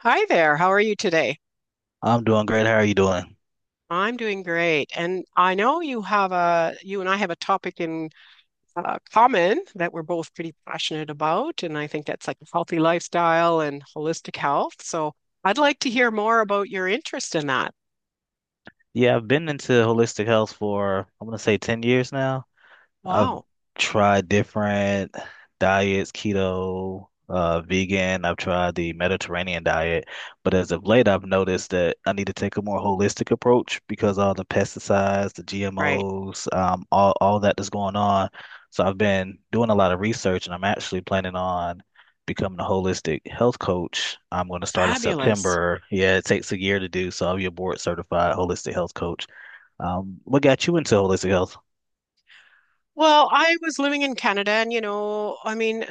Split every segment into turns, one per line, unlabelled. Hi there. How are you today?
I'm doing great. How are you doing?
I'm doing great. And I know you have a you and I have a topic in common that we're both pretty passionate about, and I think that's like a healthy lifestyle and holistic health. So I'd like to hear more about your interest in that.
Yeah, I've been into holistic health for, I'm gonna say 10 years now. I've
Wow.
tried different diets, keto, vegan. I've tried the Mediterranean diet, but as of late, I've noticed that I need to take a more holistic approach because all the pesticides, the
Right.
GMOs, all that's going on. So I've been doing a lot of research, and I'm actually planning on becoming a holistic health coach. I'm going to start in
Fabulous.
September. Yeah, it takes a year to do, so I'll be a board certified holistic health coach. What got you into holistic health?
Well, I was living in Canada and you know, I mean,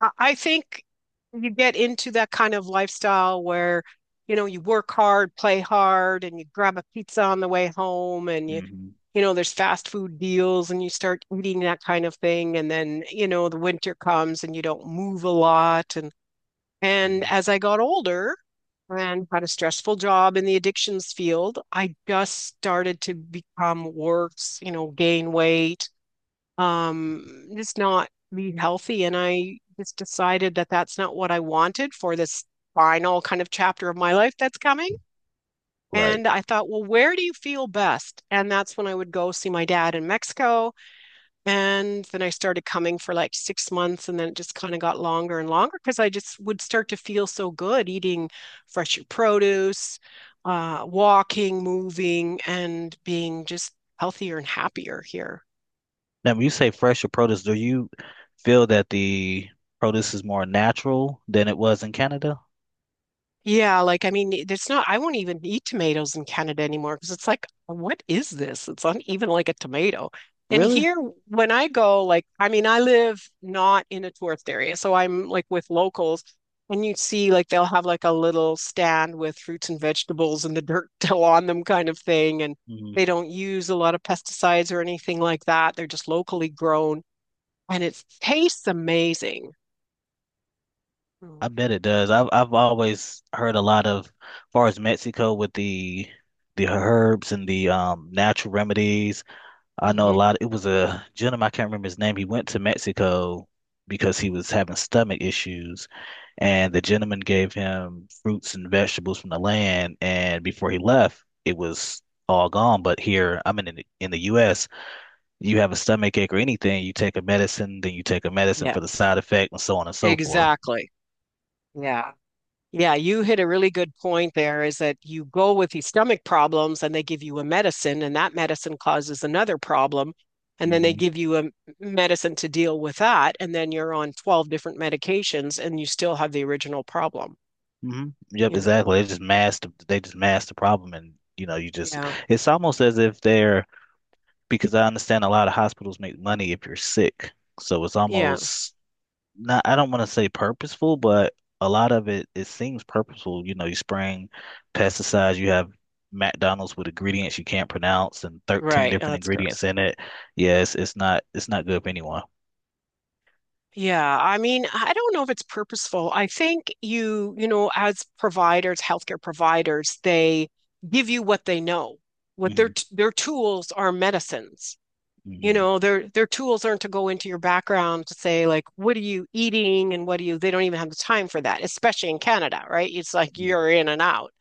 I think you get into that kind of lifestyle where, you know, you work hard, play hard, and you grab a pizza on the way home and you
Hmm.
you know, there's fast food deals and you start eating that kind of thing. And then, you know, the winter comes and you don't move a lot. And as I got older and had a stressful job in the addictions field, I just started to become worse, you know, gain weight, just not be healthy. And I just decided that that's not what I wanted for this final kind of chapter of my life that's coming.
Right.
And I thought, well, where do you feel best? And that's when I would go see my dad in Mexico. And then I started coming for like 6 months. And then it just kind of got longer and longer because I just would start to feel so good eating fresh produce, walking, moving, and being just healthier and happier here.
Now, when you say fresher produce, do you feel that the produce is more natural than it was in Canada?
Yeah, like I mean, it's not, I won't even eat tomatoes in Canada anymore because it's like, what is this? It's not even like a tomato. And
Really?
here, when I go, like, I mean, I live not in a tourist area, so I'm like with locals, and you see, like, they'll have like a little stand with fruits and vegetables and the dirt still on them kind of thing. And
Mm.
they don't use a lot of pesticides or anything like that. They're just locally grown and it tastes amazing.
I bet it does. I've always heard a lot of, as far as Mexico with the herbs and the natural remedies. I know a
Mm-hmm.
lot. It was a gentleman, I can't remember his name. He went to Mexico because he was having stomach issues, and the gentleman gave him fruits and vegetables from the land. And before he left, it was all gone. But here, I'm in the U.S. You have a stomach ache or anything, you take a medicine, then you take a medicine
Yeah,
for the side effect, and so on and so forth.
exactly. Yeah. Yeah, you hit a really good point there is that you go with these stomach problems and they give you a medicine, and that medicine causes another problem. And then they
Hmm.
give you a medicine to deal with that. And then you're on 12 different medications and you still have the original problem,
Hmm. Yep,
you know?
exactly. They just masked the problem, and you know, you just.
Yeah.
It's almost as if they're, because I understand a lot of hospitals make money if you're sick. So it's
Yeah.
almost not, I don't want to say purposeful, but a lot of it, it seems purposeful. You know, you spraying pesticides, you have McDonald's with ingredients you can't pronounce and 13
Right. Oh,
different
that's
ingredients
gross.
in it. Yes, it's not good for anyone.
Yeah. I mean, I don't know if it's purposeful. I think you, you know, as providers, healthcare providers, they give you what they know. What their
Hmm.
their tools are medicines. You
Hmm.
know, their tools aren't to go into your background to say like, what are you eating and what do you, they don't even have the time for that, especially in Canada, right? It's like you're in and out.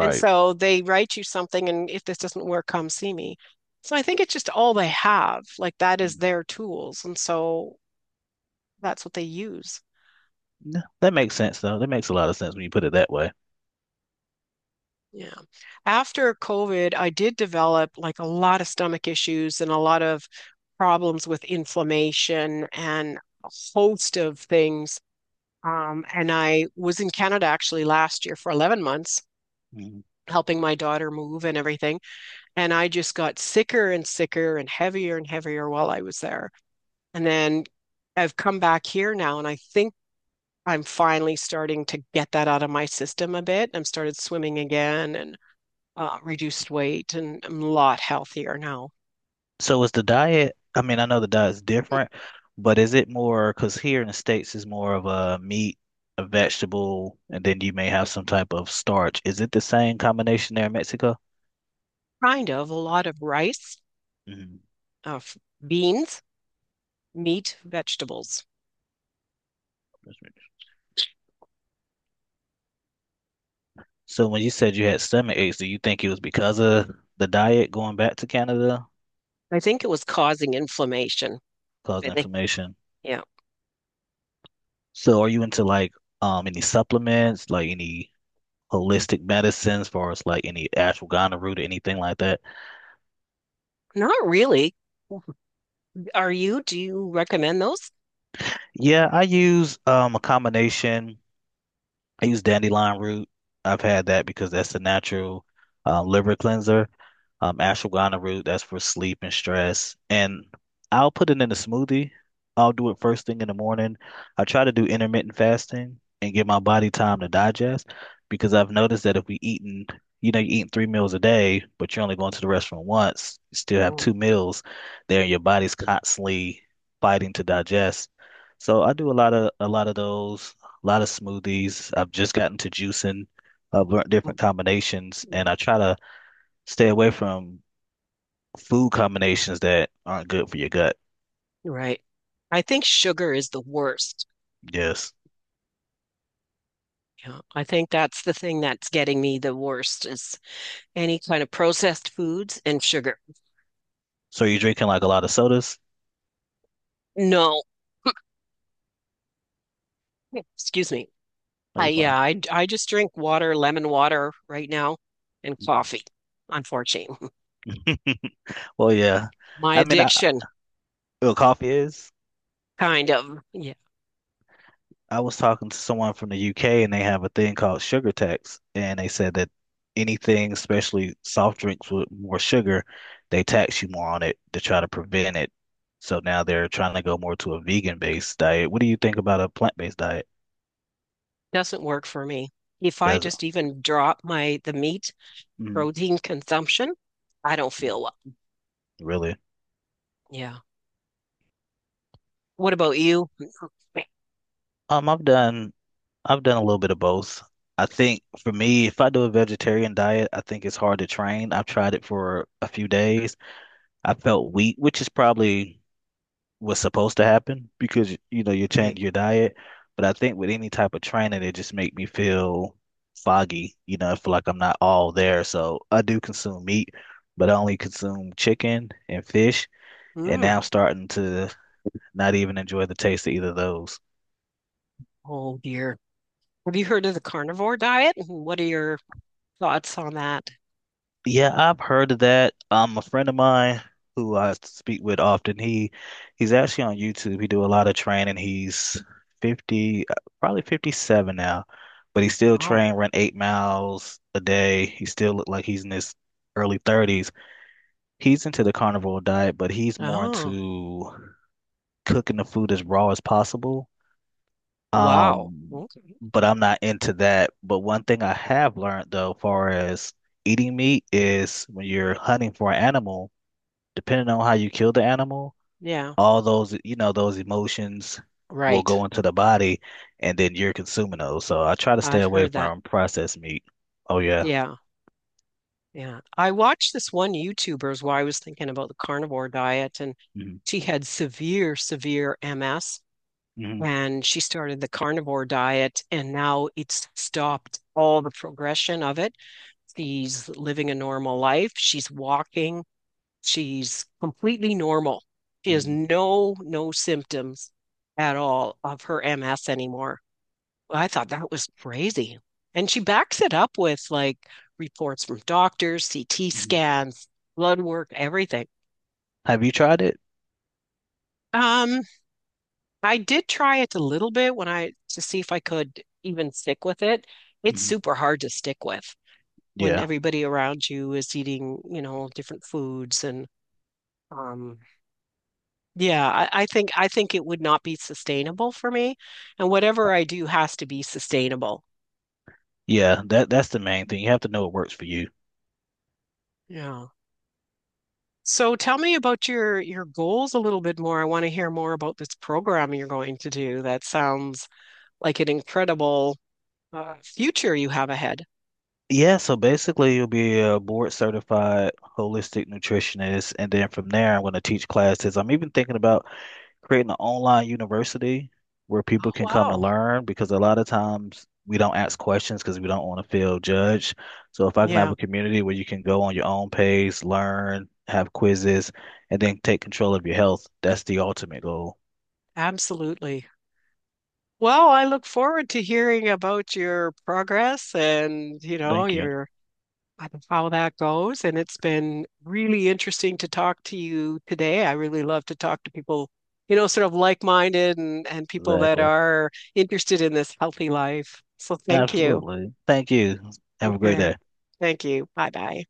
And so they write you something and if this doesn't work, come see me. So I think it's just all they have. Like that is
Mhm.
their tools. And so that's what they use.
Yeah, that makes sense though. That makes a lot of sense when you put it that way.
Yeah. After COVID, I did develop like a lot of stomach issues and a lot of problems with inflammation and a host of things. And I was in Canada actually last year for 11 months, helping my daughter move and everything. And I just got sicker and sicker and heavier while I was there. And then I've come back here now, and I think I'm finally starting to get that out of my system a bit. I'm started swimming again and reduced weight, and I'm a lot healthier now.
So is the diet, I mean, I know the diet's different, but is it more, because here in the States is more of a meat, a vegetable, and then you may have some type of starch. Is it the same combination there in Mexico?
Kind of a lot of rice,
Hmm.
uh, beans, meat, vegetables.
So when you said you had stomach aches, do you think it was because of the diet going back to Canada
I think it was causing inflammation.
caused
I think,
inflammation?
yeah.
So are you into like any supplements, like any holistic medicines, as far as like any ashwagandha root or anything like that?
Not really. Are you? Do you recommend those?
Yeah, I use a combination. I use dandelion root. I've had that because that's a natural liver cleanser. Ashwagandha root, that's for sleep and stress. And I'll put it in a smoothie. I'll do it first thing in the morning. I try to do intermittent fasting and give my body time to digest because I've noticed that if we eating, you know, you're eating 3 meals a day, but you're only going to the restaurant once, you still have
Mm-mm.
2 meals there, and your body's constantly fighting to digest. So I do a lot of those a lot of smoothies. I've just gotten to juicing. I've learned different combinations, and I try to stay away from food combinations that aren't good for your gut.
Right. I think sugar is the worst.
Yes.
Yeah, I think that's the thing that's getting me the worst is any kind of processed foods and sugar.
So you're drinking like a lot of sodas?
No, excuse me.
Are
I
you fine?
yeah, I just drink water, lemon water right now, and
Mhm.
coffee, unfortunately.
Well, yeah.
My
I mean, I,
addiction
well, coffee is.
kind of yeah,
I was talking to someone from the UK and they have a thing called sugar tax, and they said that anything, especially soft drinks with more sugar, they tax you more on it to try to prevent it. So now they're trying to go more to a vegan-based diet. What do you think about a plant-based diet?
doesn't work for me. If I
Does it?
just even drop my the meat
Mm.
protein consumption, I don't feel well.
Really?
Yeah. What about you?
I've done a little bit of both. I think for me, if I do a vegetarian diet, I think it's hard to train. I've tried it for a few days. I felt weak, which is probably was supposed to happen because you know you
Right.
change your diet. But I think with any type of training, it just make me feel foggy. You know, I feel like I'm not all there. So I do consume meat, but I only consume chicken and fish, and now I'm
Mm.
starting to not even enjoy the taste of either of those.
Oh dear. Have you heard of the carnivore diet? Mm-hmm. What are your thoughts on that?
Yeah, I've heard of that. A friend of mine who I speak with often, he's actually on YouTube. He do a lot of training. He's 50, uh, probably 57 now, but he still
Oh.
train, run 8 miles a day. He still look like he's in his early 30s. He's into the carnivore diet, but he's more
Oh.
into cooking the food as raw as possible,
Wow.
um,
Okay.
but I'm not into that. But one thing I have learned though, far as eating meat is when you're hunting for an animal, depending on how you kill the animal,
Yeah.
all those, you know, those emotions will
Right.
go into the body and then you're consuming those. So I try to stay
I've
away
heard that.
from processed meat. Oh yeah.
Yeah. Yeah. I watched this one YouTuber's while I was thinking about the carnivore diet, and
Hmm.
she had severe, severe MS,
Hmm.
and she started the carnivore diet, and now it's stopped all the progression of it. She's living a normal life. She's walking. She's completely normal. She has
Hmm.
no symptoms at all of her MS anymore. I thought that was crazy. And she backs it up with like reports from doctors, CT
Hmm.
scans, blood work, everything.
Have you tried it?
Um, I did try it a little bit when I to see if I could even stick with it. It's
Hmm.
super hard to stick with when
Yeah.
everybody around you is eating, you know, different foods and um Yeah, I, I think it would not be sustainable for me, and whatever I do has to be sustainable.
Yeah, that's the main thing. You have to know what works for you.
Yeah. So tell me about your goals a little bit more. I want to hear more about this program you're going to do. That sounds like an incredible future you have ahead.
Yeah, so basically you'll be a board certified holistic nutritionist, and then from there I'm going to teach classes. I'm even thinking about creating an online university where people
Oh,
can come to
wow.
learn because a lot of times we don't ask questions because we don't want to feel judged. So if I can have
Yeah,
a community where you can go on your own pace, learn, have quizzes, and then take control of your health, that's the ultimate goal.
absolutely. Well, I look forward to hearing about your progress and, you know,
Thank you.
your on how that goes. And it's been really interesting to talk to you today. I really love to talk to people, you know, sort of like minded and people that
Exactly.
are interested in this healthy life. So thank you.
Absolutely. Thank you. Have a great
Okay.
day.
Thank you. Bye bye.